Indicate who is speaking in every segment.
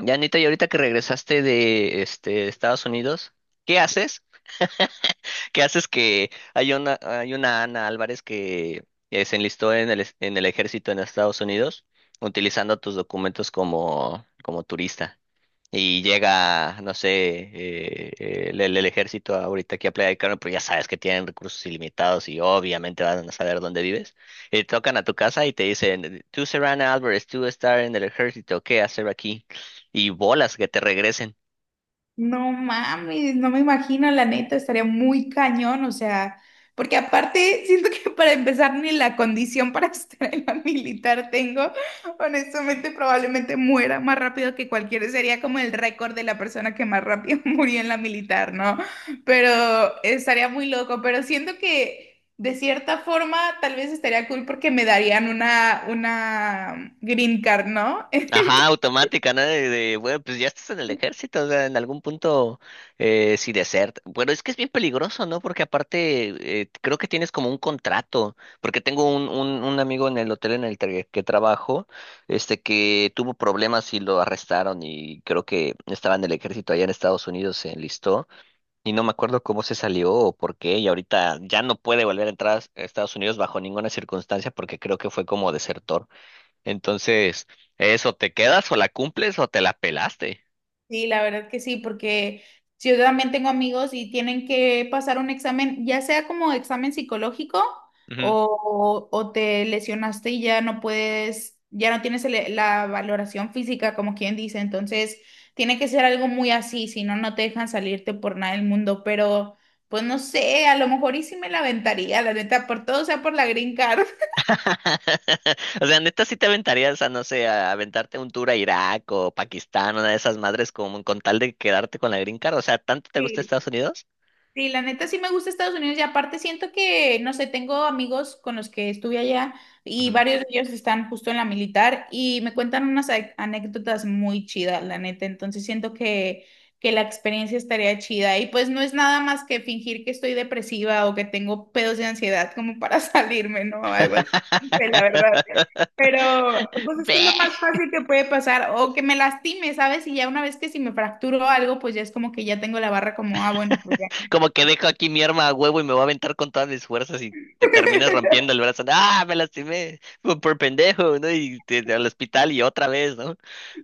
Speaker 1: Ya, Anita, y ahorita que regresaste de Estados Unidos, ¿qué haces? ¿Qué haces que hay una Ana Álvarez que se enlistó en el ejército en Estados Unidos utilizando tus documentos como turista? Y llega, no sé, el ejército ahorita aquí a Playa del Carmen, pero ya sabes que tienen recursos ilimitados y obviamente van a saber dónde vives. Y te tocan a tu casa y te dicen, tú Serrana Álvarez, tú estar en el ejército, ¿qué hacer aquí? Y bolas que te regresen.
Speaker 2: No mames, no me imagino, la neta, estaría muy cañón, o sea, porque aparte siento que para empezar ni la condición para estar en la militar tengo, honestamente probablemente muera más rápido que cualquiera, sería como el récord de la persona que más rápido murió en la militar, ¿no? Pero estaría muy loco, pero siento que de cierta forma tal vez estaría cool porque me darían una green card, ¿no?
Speaker 1: Ajá, automática, ¿no? Bueno, pues ya estás en el ejército, o sea, en algún punto, si desert. Bueno, es que es bien peligroso, ¿no? Porque aparte, creo que tienes como un contrato, porque tengo un amigo en el hotel en que trabajo, que tuvo problemas y lo arrestaron y creo que estaba en el ejército allá en Estados Unidos, se enlistó y no me acuerdo cómo se salió o por qué y ahorita ya no puede volver a entrar a Estados Unidos bajo ninguna circunstancia porque creo que fue como desertor. Entonces, eso, ¿te quedas o la cumples o te la pelaste?
Speaker 2: Sí, la verdad que sí, porque si yo también tengo amigos y tienen que pasar un examen, ya sea como examen psicológico
Speaker 1: Ujú.
Speaker 2: o te lesionaste y ya no puedes, ya no tienes la valoración física, como quien dice, entonces tiene que ser algo muy así, si no, no te dejan salirte por nada del mundo, pero pues no sé, a lo mejor y sí me la aventaría, la neta, por todo, o sea, por la green card.
Speaker 1: O sea, neta, sí te aventarías a, no sé, a aventarte un tour a Irak o Pakistán, una de esas madres, como con tal de quedarte con la green card. O sea, ¿tanto te gusta Estados
Speaker 2: Sí.
Speaker 1: Unidos?
Speaker 2: Sí, la neta sí me gusta Estados Unidos y aparte siento que, no sé, tengo amigos con los que estuve allá y
Speaker 1: Ujú.
Speaker 2: varios de ellos están justo en la militar y me cuentan unas anécdotas muy chidas, la neta. Entonces siento que la experiencia estaría chida y pues no es nada más que fingir que estoy depresiva o que tengo pedos de ansiedad como para salirme, ¿no? Algo así, la verdad. Pero pues es
Speaker 1: Ve.
Speaker 2: que es lo más fácil que puede pasar o que me lastime, ¿sabes? Y ya una vez que si me fracturo algo, pues ya es como que ya tengo la barra como, ah, bueno, pues
Speaker 1: Como que dejo aquí mi arma a huevo y me voy a aventar con todas mis fuerzas y te terminas rompiendo el brazo. ¿No? Ah, me lastimé por pendejo, ¿no? Y te- al hospital y otra vez, ¿no?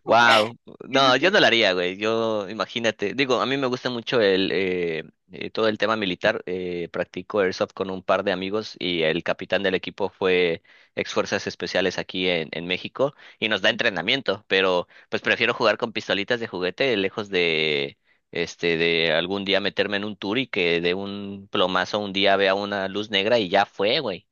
Speaker 1: Wow. No, yo no lo
Speaker 2: imagínate.
Speaker 1: haría, güey. Yo, imagínate. Digo, a mí me gusta mucho el todo el tema militar. Practico airsoft con un par de amigos y el capitán del equipo fue ex fuerzas especiales aquí en México y nos da entrenamiento, pero pues prefiero jugar con pistolitas de juguete lejos de de algún día meterme en un tour y que de un plomazo un día vea una luz negra y ya fue, güey.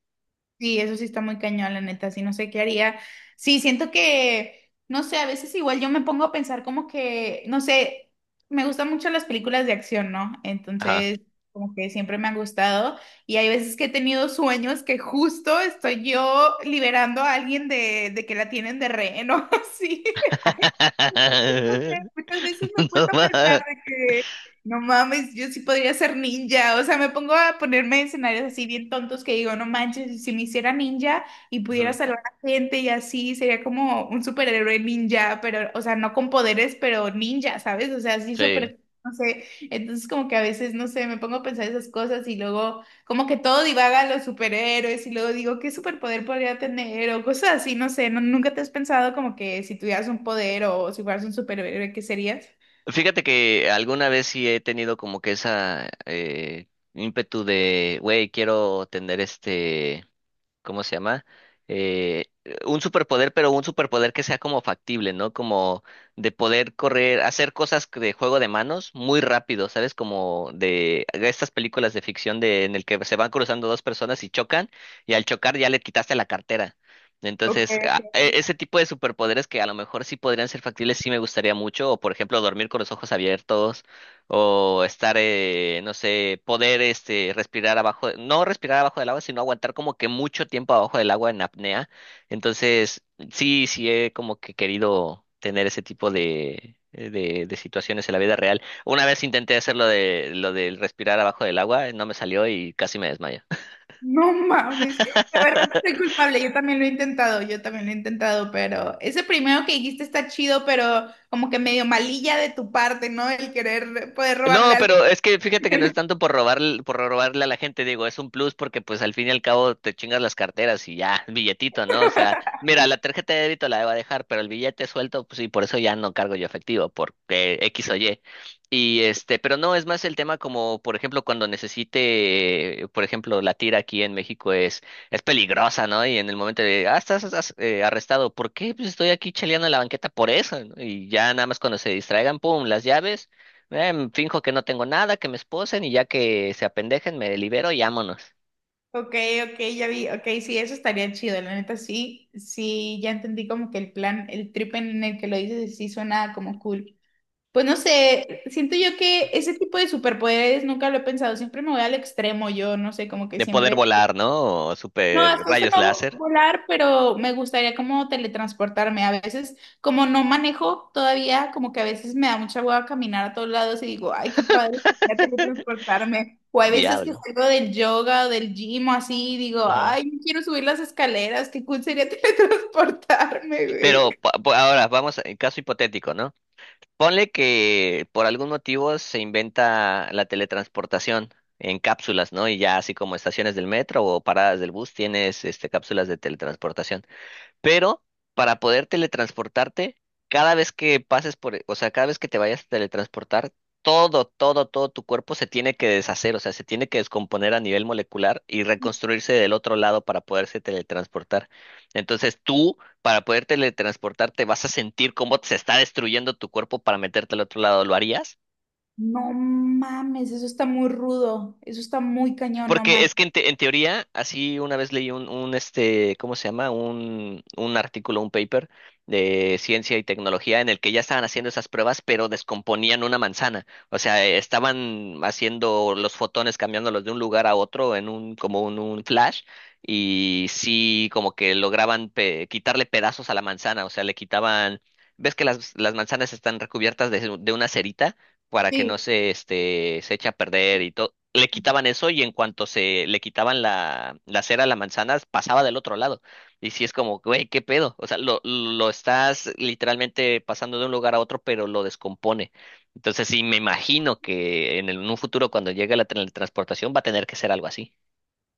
Speaker 2: Sí, eso sí está muy cañón, la neta, sí, no sé qué haría. Sí, siento que, no sé, a veces igual yo me pongo a pensar como que, no sé, me gustan mucho las películas de acción, ¿no?
Speaker 1: Ajá.
Speaker 2: Entonces, como que siempre me han gustado y hay veces que he tenido sueños que justo estoy yo liberando a alguien de que la tienen de rehén o así. Muchas veces me he
Speaker 1: No
Speaker 2: puesto a pensar
Speaker 1: más.
Speaker 2: de que no mames, yo sí podría ser ninja. O sea, me pongo a ponerme escenarios así bien tontos que digo, no manches, si me hiciera ninja y pudiera
Speaker 1: Ujú.
Speaker 2: salvar a gente y así, sería como un superhéroe ninja, pero, o sea, no con poderes, pero ninja, ¿sabes? O sea, así
Speaker 1: Sí.
Speaker 2: súper, no sé. Entonces, como que a veces, no sé, me pongo a pensar esas cosas y luego. Como que todo divaga a los superhéroes y luego digo, ¿qué superpoder podría tener? O cosas así, no sé, ¿nunca te has pensado como que si tuvieras un poder o si fueras un superhéroe, ¿qué serías?
Speaker 1: Fíjate que alguna vez sí he tenido como que esa ímpetu de, güey, quiero tener ¿cómo se llama? Eh, un superpoder, pero un superpoder que sea como factible, ¿no? Como de poder correr, hacer cosas que- de juego de manos muy rápido, ¿sabes? Como de estas películas de ficción de en el que se van cruzando dos personas y chocan, y al chocar ya le quitaste la cartera.
Speaker 2: Ok.
Speaker 1: Entonces, ese tipo de superpoderes que a lo mejor sí podrían ser factibles, sí me gustaría mucho, o por ejemplo, dormir con los ojos abiertos, o estar, no sé, poder respirar abajo, no respirar abajo del agua, sino aguantar como que mucho tiempo abajo del agua en apnea. Entonces, sí, sí he como que querido tener ese tipo de situaciones en la vida real. Una vez intenté hacer lo del respirar abajo del agua, no me salió y casi me desmayé.
Speaker 2: No mames, la verdad no soy culpable, yo también lo he intentado, yo también lo he intentado, pero ese primero que dijiste está chido, pero como que medio malilla de tu parte, ¿no? El querer poder robarle
Speaker 1: No,
Speaker 2: algo.
Speaker 1: pero es que fíjate que no es tanto por robar, por robarle a la gente, digo, es un plus porque pues al fin y al cabo te chingas las carteras y ya, billetito, ¿no? O sea, mira, la tarjeta de débito la debo dejar, pero el billete suelto, pues sí, por eso ya no cargo yo efectivo, porque X o Y. Y pero no, es más el tema como, por ejemplo, cuando necesite, por ejemplo, la tira aquí en México es peligrosa, ¿no? Y en el momento de, ah, estás arrestado, ¿por qué? Pues estoy aquí chaleando en la banqueta por eso, ¿no? Y ya nada más cuando se distraigan, pum, las llaves. Finjo que no tengo nada, que me esposen y ya que se apendejen me libero y vámonos.
Speaker 2: Ok, ok, ya vi, ok, sí, eso estaría chido, la neta sí, sí, ya entendí como que el plan, el trip en el que lo dices sí suena como cool. Pues no sé, siento yo que ese tipo de superpoderes nunca lo he pensado, siempre me voy al extremo, yo no sé, como que
Speaker 1: De poder
Speaker 2: siempre...
Speaker 1: volar, ¿no? O
Speaker 2: No,
Speaker 1: super
Speaker 2: hasta eso
Speaker 1: rayos
Speaker 2: no
Speaker 1: láser.
Speaker 2: volar, pero me gustaría como teletransportarme. A veces, como no manejo todavía, como que a veces me da mucha hueva caminar a todos lados y digo, ay, qué padre sería teletransportarme. O hay veces que
Speaker 1: Diablo.
Speaker 2: salgo del yoga o del gym o así y digo,
Speaker 1: Ajá.
Speaker 2: ay, no quiero subir las escaleras, qué cool sería teletransportarme, güey.
Speaker 1: Pero ahora vamos en caso hipotético, ¿no? Ponle que por algún motivo se inventa la teletransportación en cápsulas, ¿no? Y ya así como estaciones del metro o paradas del bus tienes este cápsulas de teletransportación. Pero para poder teletransportarte, cada vez que pases por, o sea, cada vez que te vayas a teletransportar, todo, todo, todo tu cuerpo se tiene que deshacer, o sea, se tiene que descomponer a nivel molecular y reconstruirse del otro lado para poderse teletransportar. Entonces tú, para poder teletransportarte, vas a sentir cómo se está destruyendo tu cuerpo para meterte al otro lado. ¿Lo harías?
Speaker 2: No mames, eso está muy rudo, eso está muy cañón, no
Speaker 1: Porque es que en teoría, así una vez leí un, ¿cómo se llama? Un artículo, un paper de ciencia y tecnología en el que ya estaban haciendo esas pruebas, pero descomponían una manzana. O sea, estaban haciendo los fotones, cambiándolos de un lugar a otro en como un flash, y sí, como que lograban quitarle pedazos a la manzana. O sea, le quitaban, ¿ves que las manzanas están recubiertas de una cerita? Para que no
Speaker 2: manches.
Speaker 1: se, se eche a perder y todo. Le quitaban eso y en cuanto se le quitaban la cera a la manzana, pasaba del otro lado. Y sí es como, güey, ¿qué pedo? O sea, lo estás literalmente pasando de un lugar a otro, pero lo descompone. Entonces, sí, me imagino que en un futuro, cuando llegue la teletransportación, va a tener que ser algo así.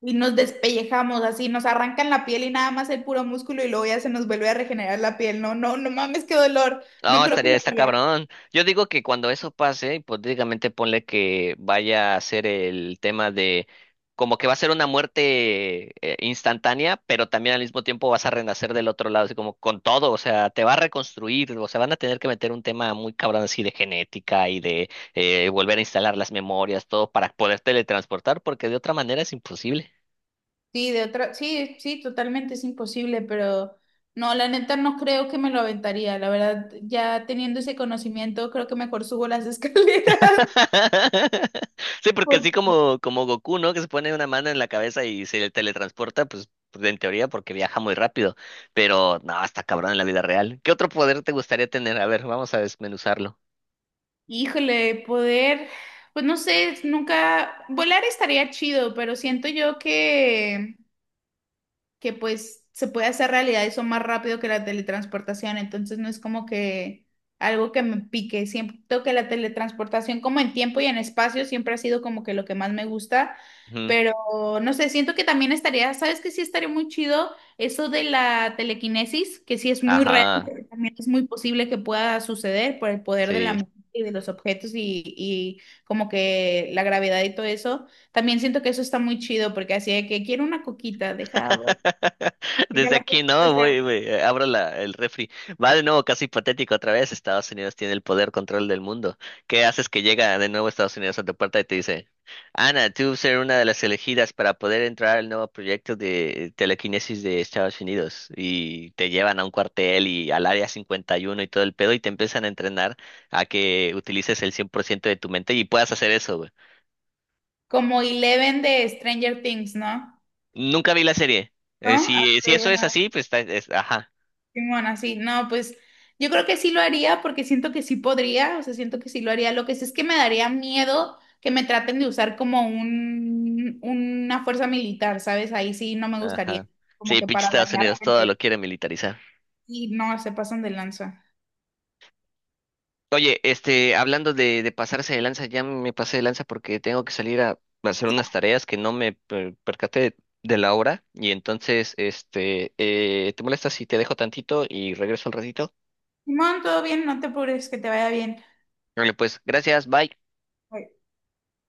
Speaker 2: Y nos despellejamos así, nos arrancan la piel y nada más el puro músculo y luego ya se nos vuelve a regenerar la piel. No, no, no mames, qué dolor.
Speaker 1: No,
Speaker 2: No creo que
Speaker 1: estaría,
Speaker 2: lo
Speaker 1: está
Speaker 2: haría.
Speaker 1: cabrón. Yo digo que cuando eso pase, hipotéticamente ponle que vaya a ser el tema de como que va a ser una muerte instantánea, pero también al mismo tiempo vas a renacer del otro lado, así como con todo, o sea, te va a reconstruir, o sea, van a tener que meter un tema muy cabrón así de genética y de volver a instalar las memorias, todo para poder teletransportar, porque de otra manera es imposible.
Speaker 2: Sí, de otra, sí, sí, totalmente es imposible, pero no, la neta no creo que me lo aventaría. La verdad, ya teniendo ese conocimiento, creo que mejor subo las escaleras.
Speaker 1: Sí, porque así
Speaker 2: Por-
Speaker 1: como, como Goku, ¿no? Que se pone una mano en la cabeza y se teletransporta, pues pues, en teoría porque viaja muy rápido. Pero no, está cabrón en la vida real. ¿Qué otro poder te gustaría tener? A ver, vamos a desmenuzarlo.
Speaker 2: híjole, poder, pues no sé, nunca, volar estaría chido, pero siento yo que pues se puede hacer realidad eso más rápido que la teletransportación, entonces no es como que algo que me pique, siento que la teletransportación como en tiempo y en espacio siempre ha sido como que lo que más me gusta,
Speaker 1: Ujú.
Speaker 2: pero no sé, siento que también estaría, ¿sabes que sí estaría muy chido eso de la telequinesis, que sí es muy real,
Speaker 1: Ajá,
Speaker 2: pero también es muy posible que pueda suceder por el poder de la
Speaker 1: sí.
Speaker 2: mente y de los objetos y como que la gravedad y todo eso. También siento que eso está muy chido porque así de que quiero una coquita, deja, mira
Speaker 1: Desde
Speaker 2: la
Speaker 1: aquí no,
Speaker 2: propuesta,
Speaker 1: voy, abro el refri. Va de nuevo casi patético otra vez. Estados Unidos tiene el poder control del mundo. ¿Qué haces que llega de nuevo Estados Unidos a tu puerta y te dice, Ana, tú ser una de las elegidas para poder entrar al nuevo proyecto de telequinesis de Estados Unidos? Y te llevan a un cuartel y al área 51 y uno y todo el pedo y te empiezan a entrenar a que utilices el 100% de tu mente y puedas hacer eso, güey.
Speaker 2: como Eleven de Stranger Things, ¿no?
Speaker 1: Nunca vi la serie.
Speaker 2: ¿No? Ah,
Speaker 1: Si, si
Speaker 2: ok,
Speaker 1: eso
Speaker 2: bueno,
Speaker 1: es así, pues está, ajá.
Speaker 2: simón, así. No, pues yo creo que sí lo haría porque siento que sí podría, o sea, siento que sí lo haría. Lo que sí es que me daría miedo que me traten de usar como una fuerza militar, ¿sabes? Ahí sí no me gustaría,
Speaker 1: Ajá.
Speaker 2: como
Speaker 1: Sí,
Speaker 2: que
Speaker 1: pinche
Speaker 2: para
Speaker 1: Estados
Speaker 2: dañar
Speaker 1: Unidos todo lo
Speaker 2: gente.
Speaker 1: quiere militarizar.
Speaker 2: Y no, se pasan de lanza.
Speaker 1: Oye, hablando de pasarse de lanza, ya me pasé de lanza porque tengo que salir a hacer unas tareas que no me percaté de, la hora. Y entonces, ¿te molesta si te dejo tantito y regreso al ratito?
Speaker 2: Simón, todo bien, no te apures, que te vaya bien.
Speaker 1: Vale, pues, gracias, bye.
Speaker 2: Ok.